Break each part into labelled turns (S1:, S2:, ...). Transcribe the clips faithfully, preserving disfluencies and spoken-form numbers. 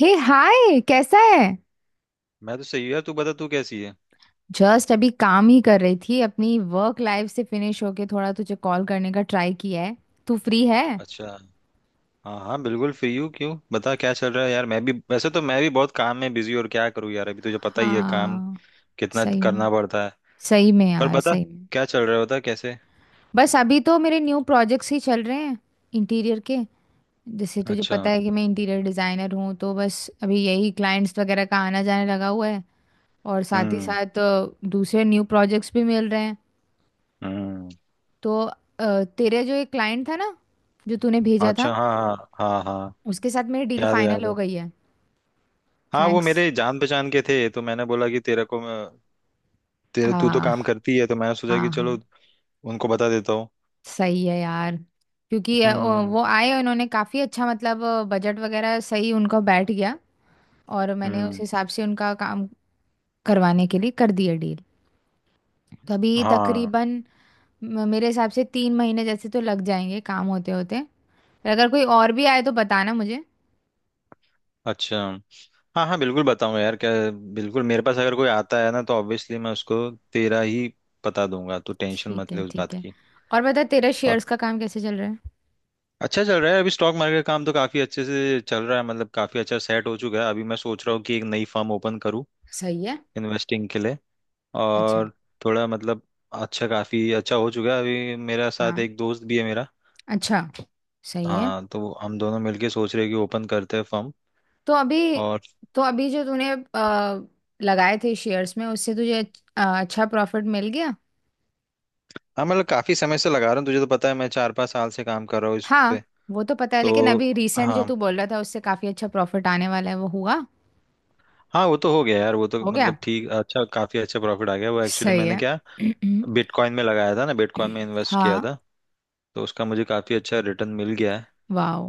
S1: हे hi, कैसा है।
S2: मैं तो सही हूँ यार। तू बता, तू कैसी है?
S1: जस्ट अभी काम ही कर रही थी, अपनी वर्क लाइफ से फिनिश होके थोड़ा तुझे कॉल करने का ट्राई किया है। तू फ्री है?
S2: अच्छा। हाँ हाँ, बिल्कुल फ्री हूँ। क्यों, बता क्या चल रहा है यार? मैं भी वैसे तो मैं भी बहुत काम में बिजी, और क्या करूँ यार, अभी तुझे पता ही है काम
S1: हाँ।
S2: कितना
S1: सही में।
S2: करना पड़ता है।
S1: सही में
S2: पर
S1: यार,
S2: बता,
S1: सही में।
S2: क्या चल रहा है? बता कैसे।
S1: बस अभी तो मेरे न्यू प्रोजेक्ट्स ही चल रहे हैं, इंटीरियर के। जैसे तुझे
S2: अच्छा।
S1: पता है कि मैं इंटीरियर डिजाइनर हूँ, तो बस अभी यही क्लाइंट्स वगैरह का आना जाने लगा हुआ है। और साथ ही
S2: हम्म।
S1: साथ अ, दूसरे न्यू प्रोजेक्ट्स भी मिल रहे हैं।
S2: हम्म।
S1: तो अ, तेरे जो एक क्लाइंट था ना, जो तूने भेजा था,
S2: अच्छा। हाँ हाँ। हाँ हाँ।
S1: उसके साथ मेरी डील
S2: याद है,
S1: फाइनल
S2: याद
S1: हो
S2: है।
S1: गई है।
S2: हाँ वो
S1: थैंक्स।
S2: मेरे जान पहचान के थे, तो मैंने बोला कि तेरे को मैं तेरे तू तो काम
S1: हाँ
S2: करती है, तो मैंने सोचा कि
S1: हाँ
S2: चलो
S1: हाँ।
S2: उनको बता देता हूँ।
S1: सही है यार। क्योंकि अ,
S2: हम्म।
S1: वो आए, उन्होंने काफ़ी अच्छा मतलब बजट वगैरह सही उनका बैठ गया। और मैंने उस
S2: हम्म।
S1: हिसाब से उनका काम करवाने के लिए कर दिया डील। तो अभी
S2: हाँ।
S1: तकरीबन म- मेरे हिसाब से तीन महीने जैसे तो लग जाएंगे, काम होते होते। अगर कोई और भी आए तो बताना मुझे।
S2: अच्छा, हाँ हाँ, बिल्कुल बताऊंगा यार। क्या बिल्कुल, मेरे पास अगर कोई आता है ना, तो ऑब्वियसली मैं उसको तेरा ही बता दूंगा। तू टेंशन
S1: ठीक
S2: मत
S1: है
S2: ले उस
S1: ठीक
S2: बात
S1: है।
S2: की।
S1: और बता, तेरा शेयर्स
S2: और,
S1: का काम कैसे चल रहा है?
S2: अच्छा चल रहा है। अभी स्टॉक मार्केट का काम तो काफी अच्छे से चल रहा है, मतलब काफी अच्छा सेट हो चुका है। अभी मैं सोच रहा हूँ कि एक नई फर्म ओपन करूँ
S1: सही है।
S2: इन्वेस्टिंग के लिए।
S1: अच्छा।
S2: और थोड़ा मतलब, अच्छा काफी अच्छा हो चुका है। अभी मेरा साथ
S1: हाँ।
S2: एक दोस्त भी है मेरा।
S1: अच्छा। सही है।
S2: हाँ, तो हम दोनों मिलके सोच रहे हैं कि ओपन करते हैं फर्म।
S1: तो अभी
S2: और,
S1: तो अभी जो तूने अ, लगाए थे शेयर्स में, उससे तुझे अच- अ, अच्छा प्रॉफिट मिल गया?
S2: हाँ मतलब काफी समय से लगा रहा हूँ, तुझे तो पता है मैं चार पाँच साल से काम कर रहा हूँ इस पे।
S1: हाँ, वो तो पता है, लेकिन
S2: तो,
S1: अभी रिसेंट जो
S2: हाँ।
S1: तू बोल रहा था, उससे काफी अच्छा प्रॉफिट आने वाला है, वो हुआ?
S2: हाँ वो तो हो गया यार, वो तो
S1: हो गया।
S2: मतलब ठीक, अच्छा काफी अच्छा प्रॉफिट आ गया। वो एक्चुअली,
S1: सही
S2: मैंने
S1: है।
S2: क्या बिटकॉइन में लगाया था ना, बिटकॉइन में इन्वेस्ट किया
S1: हाँ।
S2: था, तो उसका मुझे काफी अच्छा रिटर्न मिल गया है।
S1: वाओ।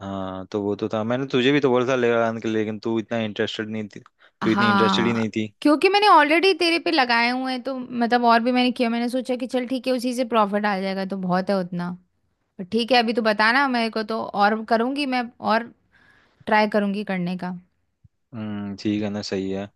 S2: हाँ तो वो तो था, मैंने तुझे भी तो बोला था लगाने के लिए, लेकिन तू इतना इंटरेस्टेड नहीं थी। तू इतनी इंटरेस्टेड ही नहीं
S1: हाँ।
S2: थी।
S1: क्योंकि मैंने ऑलरेडी तेरे पे लगाए हुए हैं, तो मतलब और भी मैंने किया, मैंने सोचा कि चल ठीक है उसी से प्रॉफिट आ जाएगा तो बहुत है उतना। पर ठीक है, अभी तो बताना मेरे को तो और करूंगी मैं। और ट्राई करूंगी करने का।
S2: हम्म, ठीक है ना, सही है।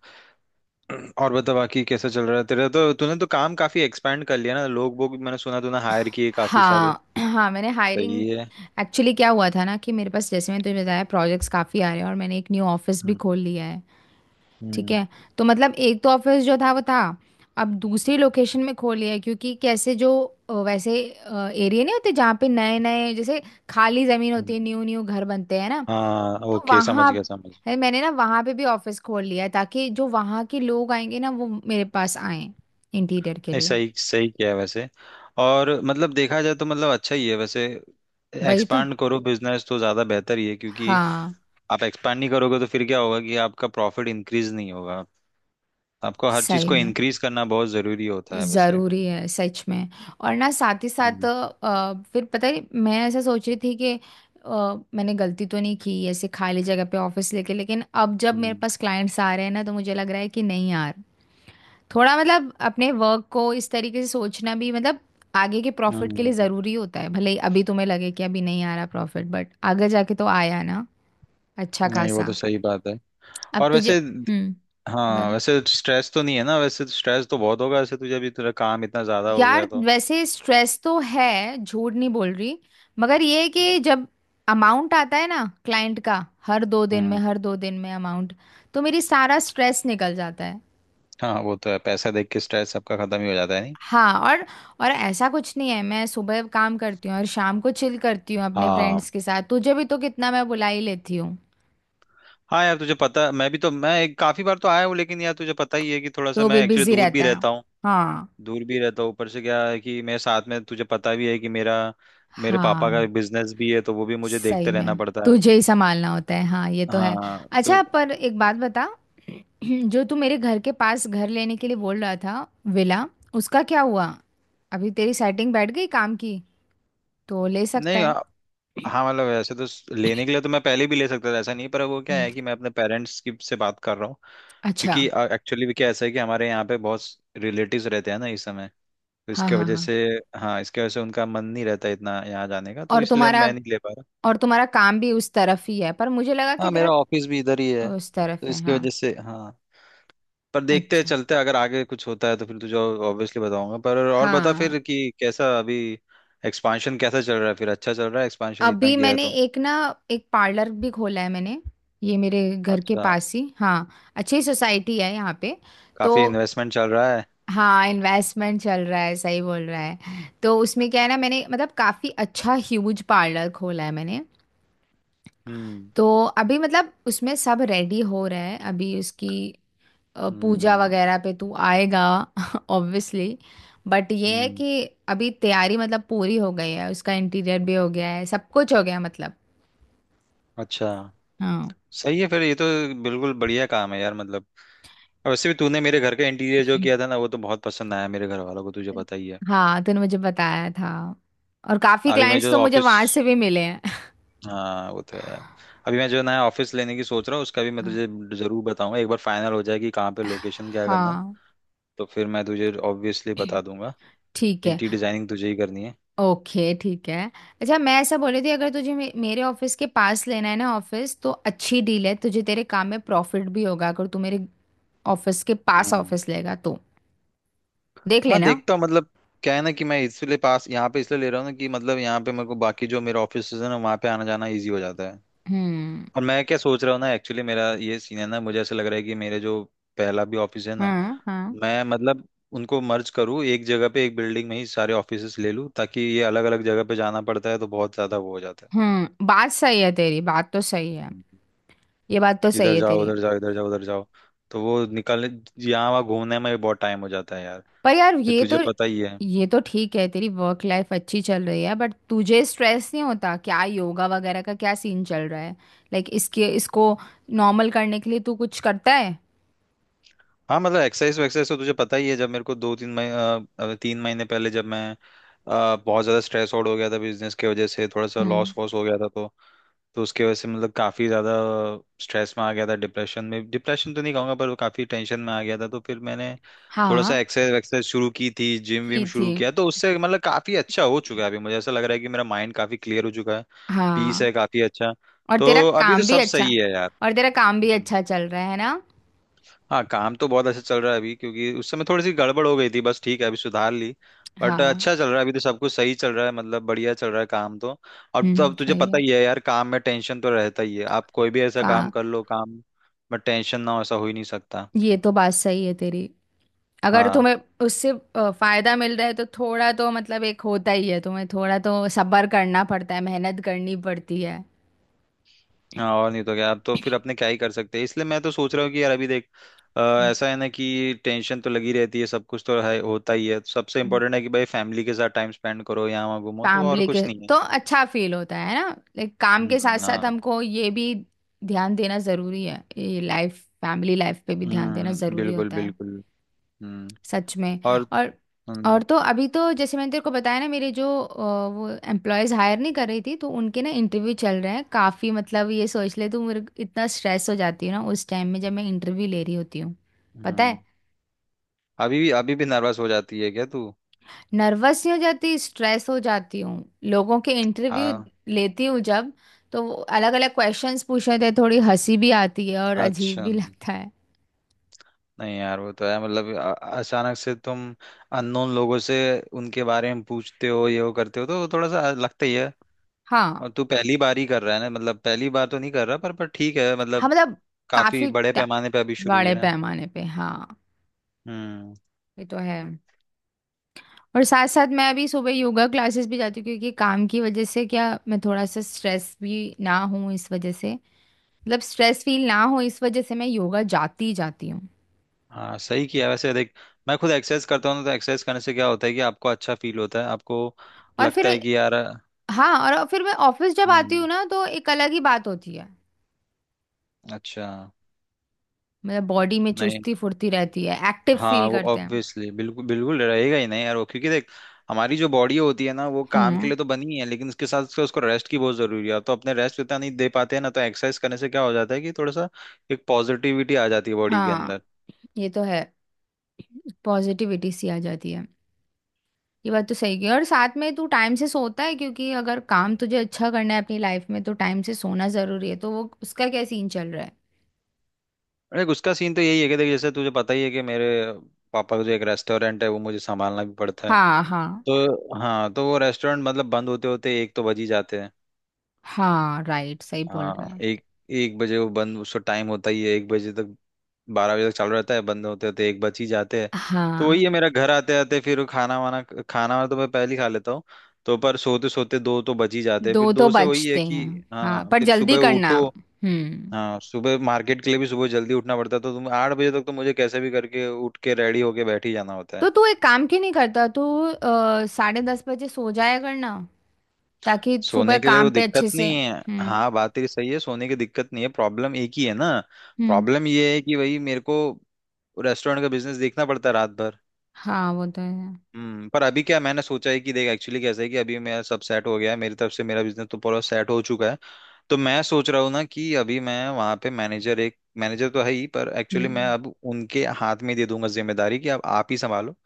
S2: और बता, बाकी कैसा चल रहा है तेरा? तो तूने तो काम काफी एक्सपेंड कर लिया ना। लोग वो भी मैंने सुना तूने हायर किए काफी सारे।
S1: हाँ हाँ, मैंने हायरिंग,
S2: सही है।
S1: एक्चुअली क्या हुआ था ना, कि मेरे पास, जैसे मैंने तुझे बताया, प्रोजेक्ट्स काफ़ी आ रहे हैं और मैंने एक न्यू ऑफिस भी
S2: हम्म।
S1: खोल लिया है। ठीक
S2: हम्म।
S1: है। तो मतलब एक तो ऑफिस जो था वो था, अब दूसरी लोकेशन में खोल लिया है क्योंकि कैसे जो अ, वैसे एरिया नहीं होते जहाँ पे नए नए जैसे खाली ज़मीन होती
S2: हम्म।
S1: है, न्यू न्यू घर बनते हैं ना।
S2: हाँ
S1: तो
S2: ओके, समझ
S1: वहाँ
S2: गया, समझ।
S1: है, मैंने ना वहाँ पे भी ऑफिस खोल लिया है ताकि जो वहाँ के लोग आएंगे ना वो मेरे पास आए, इंटीरियर के
S2: नहीं,
S1: लिए।
S2: सही सही किया है वैसे। और मतलब देखा जाए तो, मतलब अच्छा ही है वैसे।
S1: वही तो।
S2: एक्सपांड करो बिजनेस, तो ज़्यादा बेहतर ही है, क्योंकि
S1: हाँ।
S2: आप एक्सपांड नहीं करोगे तो फिर क्या होगा कि आपका प्रॉफिट इंक्रीज नहीं होगा। आपको हर चीज़
S1: सही
S2: को
S1: में।
S2: इंक्रीज करना बहुत ज़रूरी होता है वैसे।
S1: जरूरी है सच में। और ना साथ ही साथ
S2: हम्म।
S1: अ, फिर पता है, मैं ऐसा सोच रही थी कि अ, मैंने गलती तो नहीं की ऐसे खाली जगह पे ऑफिस लेके, लेकिन अब जब मेरे
S2: हम्म।
S1: पास क्लाइंट्स आ रहे हैं ना, तो मुझे लग रहा है कि नहीं यार, थोड़ा मतलब अपने वर्क को इस तरीके से सोचना भी मतलब आगे के प्रॉफिट के लिए
S2: हम्म,
S1: ज़रूरी होता है, भले ही अभी तुम्हें लगे कि अभी नहीं आ रहा प्रॉफिट, बट आगे जाके तो आया ना, अच्छा
S2: नहीं वो तो
S1: खासा।
S2: सही बात है।
S1: अब
S2: और
S1: तुझे।
S2: वैसे,
S1: हम्म।
S2: हाँ
S1: बता।
S2: वैसे स्ट्रेस तो नहीं है ना? वैसे तो स्ट्रेस तो बहुत होगा वैसे, तुझे भी तेरा काम इतना ज़्यादा हो गया
S1: यार
S2: तो।
S1: वैसे स्ट्रेस तो है, झूठ नहीं बोल रही। मगर ये है कि जब अमाउंट आता है ना क्लाइंट का, हर दो दिन में
S2: हम्म।
S1: हर दो दिन में अमाउंट, तो मेरी सारा स्ट्रेस निकल जाता है।
S2: हाँ वो तो है, पैसा देख के स्ट्रेस सबका खत्म ही हो जाता है, नहीं?
S1: हाँ, और और ऐसा कुछ नहीं है, मैं सुबह काम करती हूँ और शाम को चिल करती हूँ अपने
S2: हाँ
S1: फ्रेंड्स के साथ, तुझे भी तो कितना मैं बुला ही लेती हूँ।
S2: हाँ यार, तुझे पता मैं भी तो मैं एक, काफी बार तो आया हूँ, लेकिन यार तुझे पता ही है कि थोड़ा सा
S1: तो भी
S2: मैं एक्चुअली
S1: बिजी
S2: दूर भी
S1: रहता है।
S2: रहता हूँ।
S1: हाँ
S2: दूर भी रहता हूँ, ऊपर से क्या है कि मेरे साथ में तुझे पता भी है कि मेरा मेरे पापा का
S1: हाँ।
S2: बिजनेस भी है, तो वो भी मुझे
S1: सही
S2: देखते रहना
S1: में,
S2: पड़ता है।
S1: तुझे ही संभालना होता है। हाँ, ये तो है।
S2: हाँ
S1: अच्छा,
S2: तो,
S1: पर एक बात बता, जो तू मेरे घर के पास घर लेने के लिए बोल रहा था, विला, उसका क्या हुआ? अभी तेरी सेटिंग बैठ गई काम की, तो ले सकता
S2: नहीं
S1: है?
S2: आ- हाँ मतलब वैसे तो स- लेने के लिए तो मैं पहले भी ले सकता था, ऐसा नहीं। पर वो क्या
S1: हम्म,
S2: है कि मैं अपने पेरेंट्स की से बात कर रहा हूँ।
S1: अच्छा।
S2: क्योंकि एक्चुअली भी क्या ऐसा है कि हमारे यहाँ पे बहुत रिलेटिव्स रहते हैं ना इस समय, तो
S1: हाँ
S2: इसके
S1: हाँ
S2: वजह
S1: हाँ।
S2: से। हाँ, इसके वजह से उनका मन नहीं रहता इतना यहाँ जाने का, तो
S1: और
S2: इसलिए
S1: तुम्हारा
S2: मैं नहीं ले पा।
S1: और तुम्हारा काम भी उस तरफ ही है, पर मुझे लगा कि
S2: हाँ,
S1: तेरा
S2: मेरा ऑफिस भी इधर ही है,
S1: उस
S2: तो
S1: तरफ है,
S2: इसकी
S1: हाँ।
S2: वजह से। हाँ, पर देखते हैं,
S1: अच्छा।
S2: चलते हैं, अगर आगे कुछ होता है तो फिर तुझे ऑब्वियसली बताऊंगा। पर और बता
S1: हाँ।
S2: फिर कि कैसा अभी, एक्सपांशन कैसा चल रहा है फिर? अच्छा चल रहा है, एक्सपांशन इतना
S1: अभी
S2: किया है
S1: मैंने
S2: तो।
S1: एक ना, एक पार्लर भी खोला है मैंने। ये मेरे घर के
S2: अच्छा।
S1: पास ही, हाँ। अच्छी सोसाइटी है यहाँ पे। तो
S2: काफी इन्वेस्टमेंट चल रहा है।
S1: हाँ, इन्वेस्टमेंट चल रहा है, सही बोल रहा है। तो उसमें क्या है ना, मैंने मतलब काफ़ी अच्छा ह्यूज पार्लर खोला है मैंने।
S2: हम्म।
S1: तो अभी मतलब उसमें सब रेडी हो रहे हैं। अभी उसकी अ, पूजा
S2: हम्म।
S1: वगैरह पे तू आएगा? ऑब्वियसली। बट ये है
S2: हम्म।
S1: कि अभी तैयारी मतलब पूरी हो गई है, उसका इंटीरियर भी हो गया है, सब कुछ हो गया मतलब।
S2: अच्छा,
S1: हाँ।
S2: सही है फिर, ये तो बिल्कुल बढ़िया काम है यार मतलब। और वैसे भी तूने मेरे घर का इंटीरियर जो किया था ना, वो तो बहुत पसंद आया मेरे घर वालों को, तुझे पता ही है।
S1: हाँ, तूने मुझे बताया था। और काफी
S2: अभी मैं
S1: क्लाइंट्स
S2: जो
S1: तो मुझे
S2: ऑफिस
S1: वहां से भी मिले हैं।
S2: हाँ, वो तो है। अभी मैं जो नया ऑफिस लेने की सोच रहा हूँ, उसका भी मैं
S1: हाँ
S2: तुझे जरूर बताऊंगा, एक बार फाइनल हो जाए कि कहाँ पे लोकेशन, क्या करना है,
S1: हाँ,
S2: तो फिर मैं तुझे ऑब्वियसली बता दूंगा।
S1: ठीक है।
S2: इंटीरियर डिजाइनिंग तुझे ही करनी है।
S1: ओके ठीक है। अच्छा, मैं ऐसा बोल रही थी, अगर तुझे मे मेरे ऑफिस के पास लेना है ना ऑफिस, तो अच्छी डील है, तुझे तेरे काम में प्रॉफिट भी होगा अगर तू मेरे ऑफिस के पास
S2: हम्म।
S1: ऑफिस लेगा तो। देख
S2: हाँ
S1: लेना।
S2: देखता हूँ, मतलब क्या है ना कि मैं इसलिए पास यहाँ पे इसलिए ले रहा हूँ ना, कि मतलब यहाँ पे मेरे को बाकी जो मेरे ऑफिस है ना, वहाँ पे आना जाना इजी हो जाता है।
S1: हम्म।
S2: और मैं क्या सोच रहा हूँ ना, एक्चुअली मेरा ये सीन है ना, मुझे ऐसा लग रहा है कि मेरे जो पहला भी ऑफिस है ना,
S1: हाँ हाँ।
S2: मैं मतलब उनको मर्ज करूँ, एक जगह पे एक बिल्डिंग में ही सारे ऑफिसेस ले लूँ, ताकि ये अलग अलग जगह पे जाना पड़ता है तो बहुत ज्यादा वो हो जाता है।
S1: हम्म, बात सही है तेरी, बात तो सही है।
S2: हम्म।
S1: ये बात तो सही
S2: इधर
S1: है
S2: जाओ
S1: तेरी।
S2: उधर जाओ, इधर जाओ उधर जाओ, तो वो निकलने, यहाँ वहाँ घूमने में भी बहुत टाइम हो जाता है यार।
S1: पर यार,
S2: फिर
S1: ये तो,
S2: तुझे पता ही है।
S1: ये तो ठीक है, तेरी वर्क लाइफ अच्छी चल रही है, बट तुझे स्ट्रेस नहीं होता क्या? योगा वगैरह का क्या सीन चल रहा है? लाइक इसके इसको नॉर्मल करने के लिए तू कुछ करता है?
S2: हाँ मतलब एक्सरसाइज वैक्सरसाइज तो तुझे पता ही है, जब मेरे को दो तीन महीने, तीन महीने पहले जब मैं अ, बहुत ज्यादा स्ट्रेस आउट हो गया था बिजनेस की वजह से, थोड़ा सा
S1: हम्म।
S2: लॉस वॉस हो गया था तो। तो उसके वजह से मतलब काफ़ी ज़्यादा स्ट्रेस में आ गया था, डिप्रेशन में, डिप्रेशन तो नहीं कहूँगा पर वो काफ़ी टेंशन में आ गया था, तो फिर मैंने थोड़ा सा
S1: हाँ,
S2: एक्सरसाइज एक्सरसाइज शुरू की थी, जिम
S1: की
S2: विम
S1: थी।
S2: शुरू किया, तो उससे मतलब काफ़ी अच्छा हो चुका है। अभी मुझे ऐसा लग रहा है कि मेरा माइंड काफ़ी क्लियर हो चुका है। पीस है
S1: हाँ।
S2: काफ़ी अच्छा।
S1: और तेरा
S2: तो अभी तो
S1: काम भी
S2: सब
S1: अच्छा,
S2: सही है यार।
S1: और तेरा काम भी अच्छा चल रहा है ना?
S2: हाँ, काम तो बहुत अच्छा चल रहा है अभी, क्योंकि उस समय थोड़ी सी गड़बड़ हो गई थी, बस ठीक है अभी सुधार ली। बट
S1: हाँ।
S2: अच्छा चल रहा है, अभी तो सब कुछ सही चल रहा है मतलब, बढ़िया चल रहा है काम तो। अब तो
S1: हम्म,
S2: अब तुझे
S1: सही
S2: पता
S1: है।
S2: ही है यार, काम में टेंशन तो रहता ही है, आप कोई भी ऐसा
S1: का।
S2: काम कर लो, काम में टेंशन ना हो ऐसा हो ही नहीं सकता।
S1: ये तो बात सही है तेरी। अगर
S2: हाँ।
S1: तुम्हें उससे अ, फायदा मिल रहा है तो थोड़ा तो मतलब एक होता ही है, तुम्हें थोड़ा तो सब्र करना पड़ता है, मेहनत करनी पड़ती है।
S2: हाँ, और नहीं तो क्या, आप तो फिर अपने क्या ही कर सकते हैं। इसलिए मैं तो सोच रहा हूँ कि यार अभी देख, अ, ऐसा है ना कि टेंशन तो लगी रहती है, सब कुछ तो है, होता ही है। सबसे
S1: हम्म।
S2: इम्पोर्टेंट है कि भाई फैमिली के साथ टाइम स्पेंड करो, यहाँ वहाँ घूमो, तो और
S1: फैमिली के
S2: कुछ नहीं है।
S1: तो अच्छा फील होता है ना, लाइक काम के साथ
S2: हम्म,
S1: साथ
S2: हाँ।
S1: हमको ये भी ध्यान देना जरूरी है, ये लाइफ, फैमिली लाइफ पे भी ध्यान देना
S2: हम्म,
S1: जरूरी
S2: बिल्कुल
S1: होता है।
S2: बिल्कुल। हम्म।
S1: सच में।
S2: और,
S1: और
S2: हम्म।
S1: और तो अभी तो, जैसे मैंने तेरे को बताया ना, मेरे जो अ, वो एम्प्लॉयज हायर नहीं कर रही थी, तो उनके ना इंटरव्यू चल रहे हैं काफ़ी, मतलब ये सोच ले तू, मेरे को इतना स्ट्रेस हो जाती हूँ ना उस टाइम में जब मैं इंटरव्यू ले रही होती हूँ। पता है।
S2: हम्म, अभी भी अभी भी नर्वस हो जाती है क्या तू?
S1: नर्वस नहीं हो जाती, स्ट्रेस हो जाती हूँ, लोगों के इंटरव्यू
S2: हाँ।
S1: लेती हूँ जब, तो अलग अलग क्वेश्चंस पूछ रहे थे, थोड़ी हंसी भी आती है और अजीब
S2: अच्छा।
S1: भी लगता है।
S2: नहीं यार, वो तो है, मतलब अ- अचानक से तुम अननोन लोगों से उनके बारे में पूछते हो, ये वो करते हो, तो वो थोड़ा सा लगता ही है।
S1: हाँ।
S2: और तू पहली बार ही कर रहा है ना, मतलब पहली बार तो नहीं कर रहा, पर पर ठीक है
S1: हाँ
S2: मतलब,
S1: मतलब
S2: काफी
S1: काफ़ी
S2: बड़े
S1: टा-
S2: पैमाने पे अभी शुरू हुई
S1: बड़े
S2: ना।
S1: पैमाने पे, हाँ।
S2: हम्म।
S1: ये तो है। और साथ साथ मैं अभी सुबह योगा क्लासेस भी जाती हूँ क्योंकि काम की वजह से क्या, मैं थोड़ा सा स्ट्रेस भी ना हूँ इस वजह से, मतलब स्ट्रेस फील ना हो इस वजह से, मैं योगा जाती ही जाती हूँ।
S2: हाँ सही किया वैसे, देख मैं खुद एक्सरसाइज करता हूँ ना, तो एक्सरसाइज करने से क्या होता है कि आपको अच्छा फील होता है, आपको
S1: और फिर।
S2: लगता है कि यार।
S1: हाँ, और फिर मैं ऑफिस जब आती हूँ
S2: हम्म।
S1: ना तो एक अलग ही बात होती है।
S2: अच्छा।
S1: मतलब बॉडी में
S2: नहीं,
S1: चुस्ती फुर्ती रहती है, एक्टिव
S2: हाँ
S1: फील
S2: वो
S1: करते हैं।
S2: ऑब्वियसली बिल्कुल बिल्कुल रहेगा ही नहीं यार वो, क्योंकि देख हमारी जो बॉडी होती है ना, वो काम के
S1: हाँ।
S2: लिए तो बनी है, लेकिन उसके साथ उसके उसको रेस्ट की बहुत जरूरी है, तो अपने रेस्ट इतना नहीं दे पाते हैं ना, तो एक्सरसाइज करने से क्या हो जाता है कि थोड़ा सा एक पॉजिटिविटी आ जाती है बॉडी के
S1: हाँ,
S2: अंदर।
S1: ये तो है। पॉजिटिविटी सी आ जाती है। ये बात तो सही की, और साथ में तू टाइम से सोता है? क्योंकि अगर काम तुझे अच्छा करना है अपनी लाइफ में तो टाइम से सोना जरूरी है, तो वो उसका क्या सीन चल रहा है?
S2: देख उसका सीन तो यही है कि देख जैसे तुझे पता ही है कि मेरे पापा का जो एक रेस्टोरेंट है, वो मुझे संभालना भी पड़ता है।
S1: हाँ हाँ
S2: तो हाँ, तो वो रेस्टोरेंट मतलब बंद होते होते एक तो बज ही जाते हैं।
S1: हाँ राइट, सही बोल
S2: हाँ,
S1: रहा है।
S2: एक एक बजे वो बंद, उसका टाइम होता ही है एक बजे तक। बारह बजे तक चालू रहता है, बंद होते होते एक बज ही जाते हैं। तो
S1: हाँ।
S2: वही है, मेरा घर आते आते फिर खाना वाना, खाना वाना तो मैं पहले ही खा लेता हूँ। तो पर सोते सोते दो तो बज ही जाते हैं, फिर
S1: दो तो
S2: दो से वही है
S1: बचते
S2: कि।
S1: हैं। हाँ
S2: हाँ
S1: पर
S2: फिर
S1: जल्दी
S2: सुबह
S1: करना।
S2: उठो।
S1: हम्म।
S2: हाँ, सुबह मार्केट के लिए भी सुबह जल्दी उठना पड़ता है, तो तुम आठ बजे तक तो मुझे कैसे भी करके उठ के रेडी होके बैठ ही जाना होता
S1: तो
S2: है।
S1: तू एक काम क्यों नहीं करता, तू अ, साढ़े दस बजे सो जाया करना ताकि सुबह
S2: सोने के लिए वो
S1: काम पे
S2: दिक्कत
S1: अच्छे से।
S2: नहीं है,
S1: हम्म।
S2: हाँ बात तेरी सही है। सोने की दिक्कत नहीं है, प्रॉब्लम एक ही है ना।
S1: हम्म।
S2: प्रॉब्लम ये है कि भाई मेरे को रेस्टोरेंट का बिजनेस देखना पड़ता है रात भर।
S1: हाँ, वो तो है।
S2: हम्म। पर अभी क्या मैंने सोचा है कि देख एक्चुअली कैसा है कि अभी मेरा सब सेट हो गया है, मेरी तरफ से मेरा बिजनेस तो पूरा सेट हो चुका है। तो मैं सोच रहा हूँ ना कि अभी मैं वहाँ पे मैनेजर एक मैनेजर तो है ही, पर एक्चुअली मैं
S1: हम्म।
S2: अब उनके हाथ में दे दूंगा जिम्मेदारी कि अब आप ही संभालो।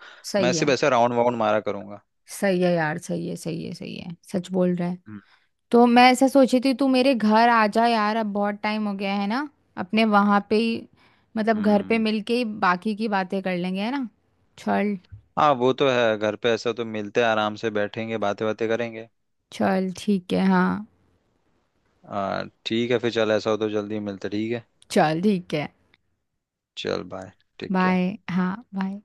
S2: मैं
S1: सही
S2: सिर्फ
S1: है।
S2: ऐसा राउंड वाउंड मारा करूंगा।
S1: सही है यार, सही है सही है सही है, सच बोल रहा है।
S2: हम्म।
S1: तो मैं ऐसा सोची थी, तू मेरे घर आ जा यार, अब बहुत टाइम हो गया है ना, अपने वहां पे ही, मतलब घर पे
S2: हम्म।
S1: मिलके ही बाकी की बातें कर लेंगे, है ना। चल।
S2: हाँ वो तो है, घर पे ऐसा तो मिलते हैं, आराम से बैठेंगे, बातें बातें करेंगे।
S1: चल ठीक है, हाँ।
S2: आ, ठीक है फिर चल, ऐसा हो तो जल्दी मिलते, ठीक है।
S1: चल ठीक है।
S2: चल बाय। ठीक है।
S1: बाय। हाँ, बाय।